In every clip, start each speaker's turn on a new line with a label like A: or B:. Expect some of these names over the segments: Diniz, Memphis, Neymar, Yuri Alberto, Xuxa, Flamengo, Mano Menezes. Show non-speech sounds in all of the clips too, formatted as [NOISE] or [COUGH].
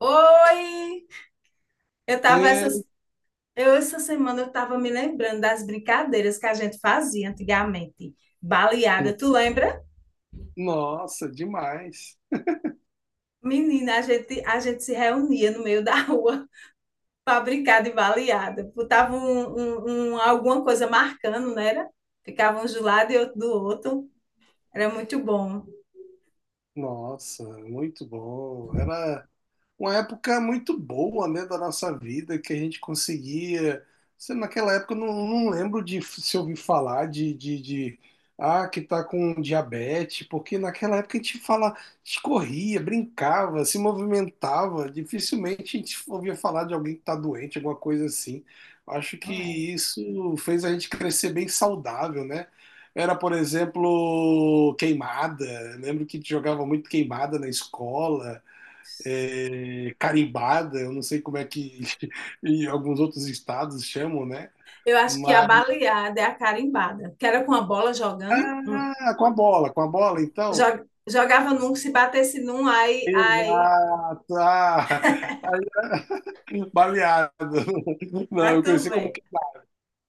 A: Oi! Eu tava
B: É,
A: essas, eu essa semana eu tava me lembrando das brincadeiras que a gente fazia antigamente. Baleada, tu lembra?
B: nossa, demais.
A: Menina, a gente se reunia no meio da rua [LAUGHS] para brincar de baleada. Botava alguma coisa marcando, não era? Ficava um de um lado e outro do outro. Era muito bom.
B: Nossa, muito bom. Era uma época muito boa, né, da nossa vida, que a gente conseguia. Sei, naquela época eu não lembro de se ouvir falar de que tá com diabetes, porque naquela época a gente fala, a gente corria, brincava, se movimentava, dificilmente a gente ouvia falar de alguém que tá doente, alguma coisa assim. Acho que
A: Não é?
B: isso fez a gente crescer bem saudável, né? Era, por exemplo, queimada. Lembro que jogava muito queimada na escola, é, carimbada, eu não sei como é que [LAUGHS] em alguns outros estados chamam, né?
A: Eu acho que a
B: Mas
A: baleada é a carimbada, que era com a bola jogando. Hum.
B: ah, com a bola, então.
A: Jogava num, se batesse num, aí,
B: Exato, ah, aí, baleado. [LAUGHS] Não,
A: ah,
B: eu conheci como
A: também.
B: queimada.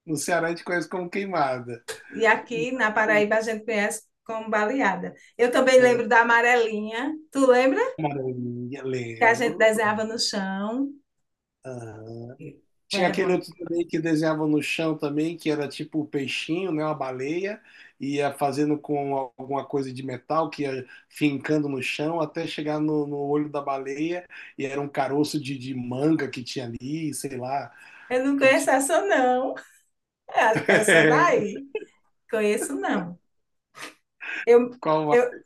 B: No Ceará a gente conhece como queimada.
A: E aqui na Paraíba a gente conhece como baleada. Eu também lembro da amarelinha. Tu lembra?
B: Maranhão,
A: Que a gente
B: lembro.
A: desenhava no chão.
B: Tinha
A: Era
B: aquele
A: bom.
B: outro também que desenhava no chão também, que era tipo o peixinho, né? Uma baleia, ia fazendo com alguma coisa de metal, que ia fincando no chão até chegar no olho da baleia, e era um caroço de manga que tinha ali, sei lá,
A: Eu não
B: que
A: conheço
B: ti-
A: essa, não. Eu acho que era só
B: [LAUGHS]
A: daí. Conheço, não. Eu,
B: qual
A: eu,
B: a-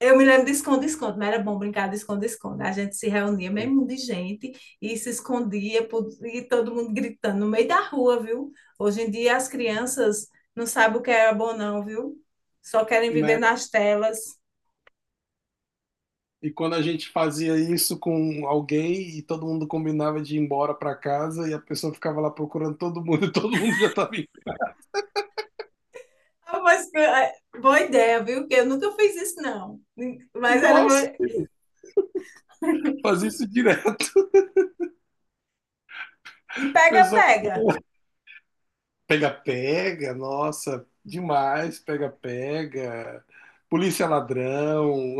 A: eu me lembro de esconde-esconde, mas era bom brincar de esconde-esconde. A gente se reunia, mesmo de gente, e se escondia, e todo mundo gritando no meio da rua, viu? Hoje em dia as crianças não sabem o que era bom, não, viu? Só querem viver
B: né?
A: nas telas.
B: E quando a gente fazia isso com alguém e todo mundo combinava de ir embora para casa e a pessoa ficava lá procurando todo mundo [LAUGHS] e todo mundo já estava indo.
A: Ah, mas, é, boa ideia, viu? Porque eu nunca fiz isso, não. Mas era
B: Nossa,
A: uma...
B: fazia isso direto.
A: E pega,
B: Pessoal,
A: pega.
B: pega-pega, nossa, demais, pega-pega. Polícia ladrão,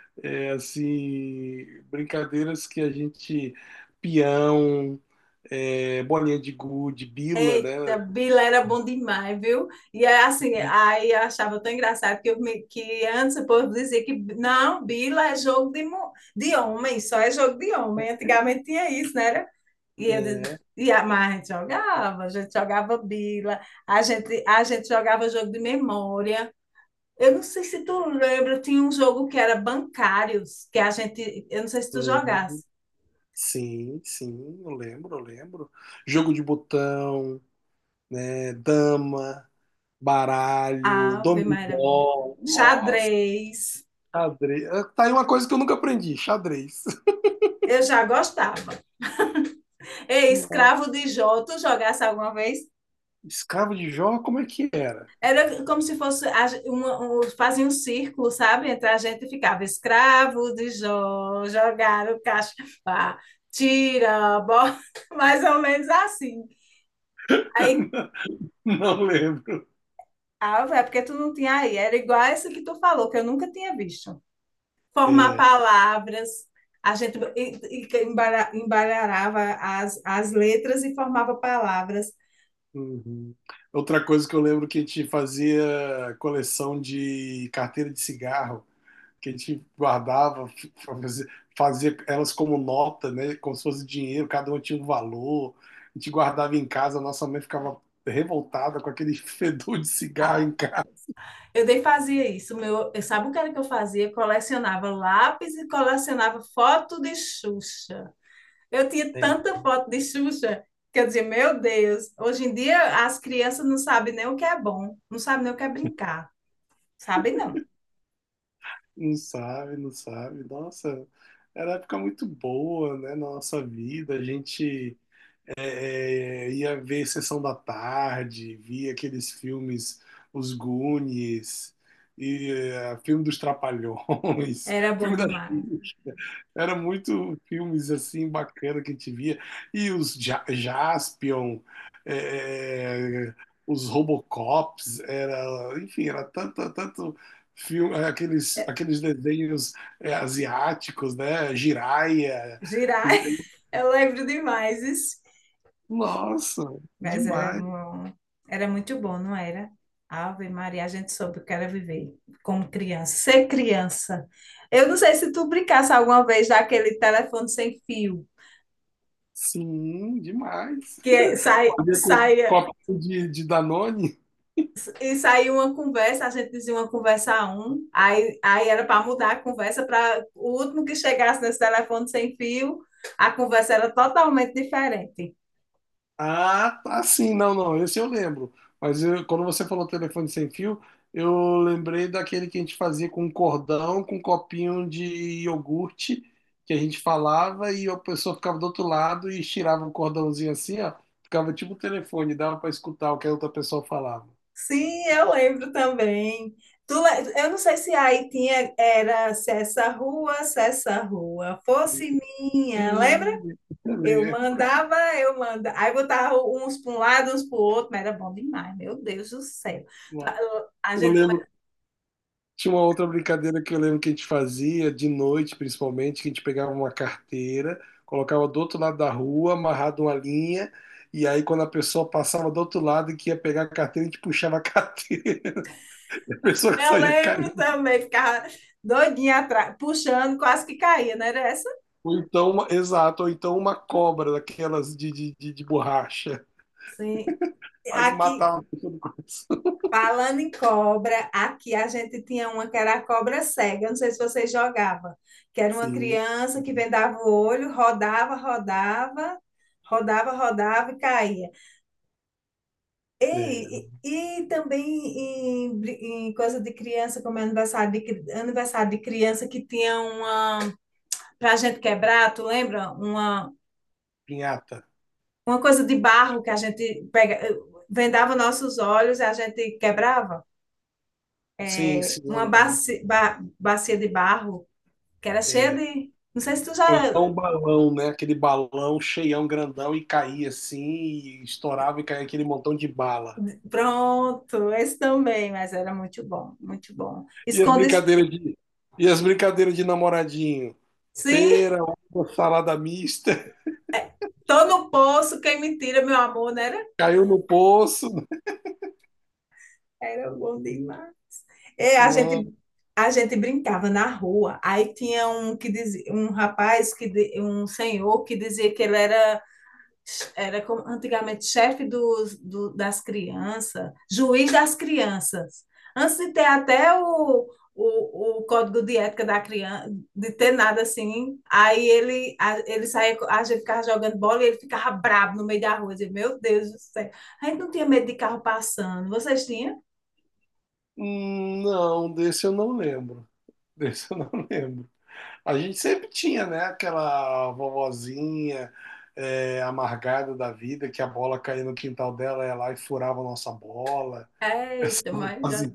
B: [LAUGHS] é, assim, brincadeiras que a gente, peão, é, bolinha de gude, bila, né?
A: Eita, bila era bom demais, viu? E é assim, aí eu achava tão engraçado que, que antes o povo dizia que não, bila é jogo de, de homem, só é jogo de homem. Antigamente tinha isso, né? E, ele, mas a gente jogava bila, a gente jogava jogo de memória. Eu não sei se tu lembra, tinha um jogo que era bancários, que a gente, eu não sei se tu
B: Sim,
A: jogasse.
B: sim, sim, eu lembro, eu lembro. Jogo de botão, né? Dama, baralho,
A: Ave Maria, era bom.
B: dominó, nossa,
A: Xadrez,
B: xadrez. Tá aí uma coisa que eu nunca aprendi, xadrez.
A: eu já gostava. Ei,
B: [LAUGHS]
A: escravo de Jó, tu jogasse alguma vez?
B: Escravo de Jó, como é que era?
A: Era como se fosse a, uma, um, fazia um círculo, sabe? Entre a gente ficava escravo de Jó, jogar o cacho pá, tira, bota, [LAUGHS] mais ou menos assim. Aí,
B: [LAUGHS] Não lembro.
A: ah, é porque tu não tinha aí. Era igual essa que tu falou, que eu nunca tinha visto. Formar
B: É,
A: palavras, a gente embaralhava as letras e formava palavras.
B: uhum. Outra coisa que eu lembro, que a gente fazia coleção de carteira de cigarro, que a gente guardava, fazia, fazia elas como nota, né? Como se fosse dinheiro, cada uma tinha um valor. A gente guardava em casa, a nossa mãe ficava revoltada com aquele [LAUGHS] fedor de cigarro em
A: Ah,
B: casa.
A: eu nem fazia isso. Meu, sabe o que era que eu fazia? Colecionava lápis e colecionava foto de Xuxa. Eu tinha tanta
B: Lembro.
A: foto de Xuxa que eu dizia, meu Deus, hoje em dia as crianças não sabem nem o que é bom, não sabem nem o que é brincar. Sabem não.
B: Não sabe, não sabe. Nossa, era uma época muito boa, né? Na nossa vida, a gente, é, ia ver Sessão da Tarde, via aqueles filmes, Os Goonies, e é, filme dos Trapalhões,
A: Era
B: [LAUGHS]
A: bom
B: filme das
A: demais.
B: Xuxa. Era muito filmes assim bacana que a gente via, e os Jaspion, é, é, os Robocops, era, enfim, era tanto, tanto filme, aqueles desenhos, é, asiáticos, né? Jiraiya,
A: Girar, [LAUGHS] eu lembro demais.
B: nossa,
A: Mas era,
B: demais.
A: bom- Era muito bom, não era? Ave Maria, a gente soube o que era viver como criança, ser criança. Eu não sei se tu brincasse alguma vez daquele telefone sem fio,
B: Sim, demais.
A: que
B: Fazia com copinho de Danone.
A: e saía uma conversa, a gente dizia uma conversa a um, aí era para mudar a conversa para o último que chegasse nesse telefone sem fio, a conversa era totalmente diferente.
B: Ah, tá sim, não, esse eu lembro. Mas quando você falou telefone sem fio, eu lembrei daquele que a gente fazia com cordão, com copinho de iogurte, que a gente falava e a pessoa ficava do outro lado e estirava o cordãozinho assim, ó, ficava tipo o telefone, dava para escutar o que a outra pessoa falava.
A: Sim, eu lembro também. Eu não sei se aí tinha, era se essa rua, fosse minha,
B: Menino,
A: lembra? Eu mandava, eu mandava. Aí botava uns para um lado, uns para o outro, mas era bom demais, meu Deus do céu. A
B: eu
A: gente começa.
B: lembro. Tinha uma outra brincadeira que eu lembro que a gente fazia, de noite principalmente, que a gente pegava uma carteira, colocava do outro lado da rua, amarrado uma linha, e aí quando a pessoa passava do outro lado e que ia pegar a carteira, a gente puxava a carteira, [LAUGHS] a pessoa
A: Eu
B: saía
A: lembro
B: caindo.
A: também, ficava doidinha atrás, puxando, quase que caía, não era essa?
B: Ou então, exato, ou então uma cobra daquelas de borracha,
A: Sim.
B: quase
A: Aqui,
B: matava a pessoa.
A: Falando em cobra, aqui a gente tinha uma que era a cobra cega, não sei se vocês jogavam, que era uma
B: Sim,
A: criança que vendava o olho, rodava, rodava, rodava, rodava e caía.
B: é,
A: E também em coisa de criança, como é aniversário aniversário de criança, que tinha uma, para a gente quebrar, tu lembra? Uma,
B: pinhata.
A: uma coisa de barro que a gente pega, eh, vendava nossos olhos e a gente quebrava.
B: Sim,
A: É,
B: sim, eu
A: uma
B: lembro.
A: bacia de barro, que era cheia
B: É,
A: de. Não sei se tu já.
B: ou então um balão, né? Aquele balão cheião, grandão, e caía assim, e estourava e caía aquele montão de bala.
A: Pronto, esse também, mas era muito bom, muito bom.
B: E as
A: Esconde.
B: brincadeiras de, e as brincadeiras de namoradinho.
A: Sim,
B: Pera, uva, salada mista,
A: tô no poço, quem me tira, meu amor, não era?
B: [LAUGHS] caiu no poço.
A: Era bom demais. É, a
B: Não,
A: gente, a gente brincava na rua, aí tinha um que dizia, um rapaz, um senhor que dizia que ele era como antigamente chefe das crianças, juiz das crianças. Antes de ter até o, código de ética da criança, de ter nada assim, aí ele saía, a gente ficava jogando bola e ele ficava bravo no meio da rua. Eu dizia, meu Deus do céu, a gente não tinha medo de carro passando. Vocês tinham?
B: não, desse eu não lembro. Desse eu não [LAUGHS] lembro. A gente sempre tinha, né? Aquela vovozinha, é, amargada da vida, que a bola caía no quintal dela, ela ia lá e furava a nossa bola. [LAUGHS] Essa
A: Eita, mas já
B: vovozinha,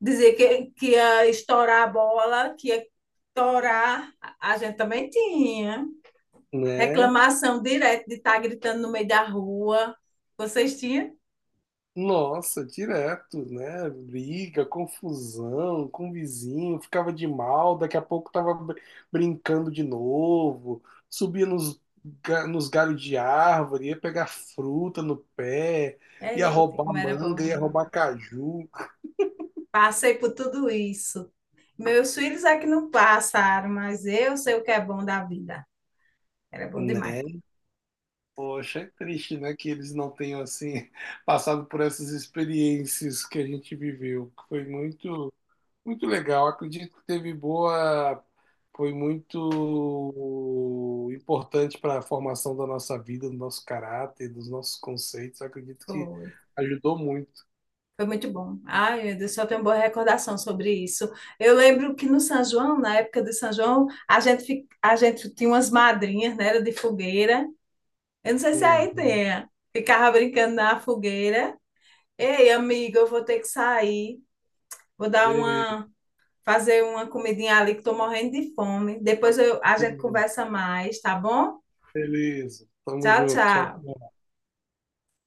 A: dizer que ia estourar a bola, que ia estourar, a gente também tinha.
B: né?
A: Reclamação direto de estar gritando no meio da rua. Vocês tinham?
B: Nossa, direto, né? Briga, confusão com o vizinho, ficava de mal, daqui a pouco tava brincando de novo, subia nos galhos de árvore, ia pegar fruta no pé, ia
A: Eita,
B: roubar
A: como era
B: manga, ia
A: bom.
B: roubar caju,
A: Passei por tudo isso. Meus filhos é que não passaram, mas eu sei o que é bom da vida. Era bom demais.
B: né? Poxa, é triste, né, que eles não tenham, assim, [LAUGHS] passado por essas experiências que a gente viveu, que foi muito. Muito legal. Acredito que teve boa, foi muito importante para a formação da nossa vida, do nosso caráter, dos nossos conceitos. Acredito que
A: Foi.
B: ajudou muito.
A: Foi muito bom. Ai, meu Deus, só tenho boa recordação sobre isso. Eu lembro que no São João, na época do São João, a gente tinha umas madrinhas, né? Era de fogueira. Eu não sei se aí
B: Uhum.
A: tem. É. Ficava brincando na fogueira. Ei, amigo, eu vou ter que sair. Vou dar
B: Beleza,
A: uma, fazer uma comidinha ali que estou morrendo de fome. Depois eu, a gente conversa mais, tá bom?
B: beleza. Tamo
A: Tchau,
B: junto.
A: tchau.
B: Tchau.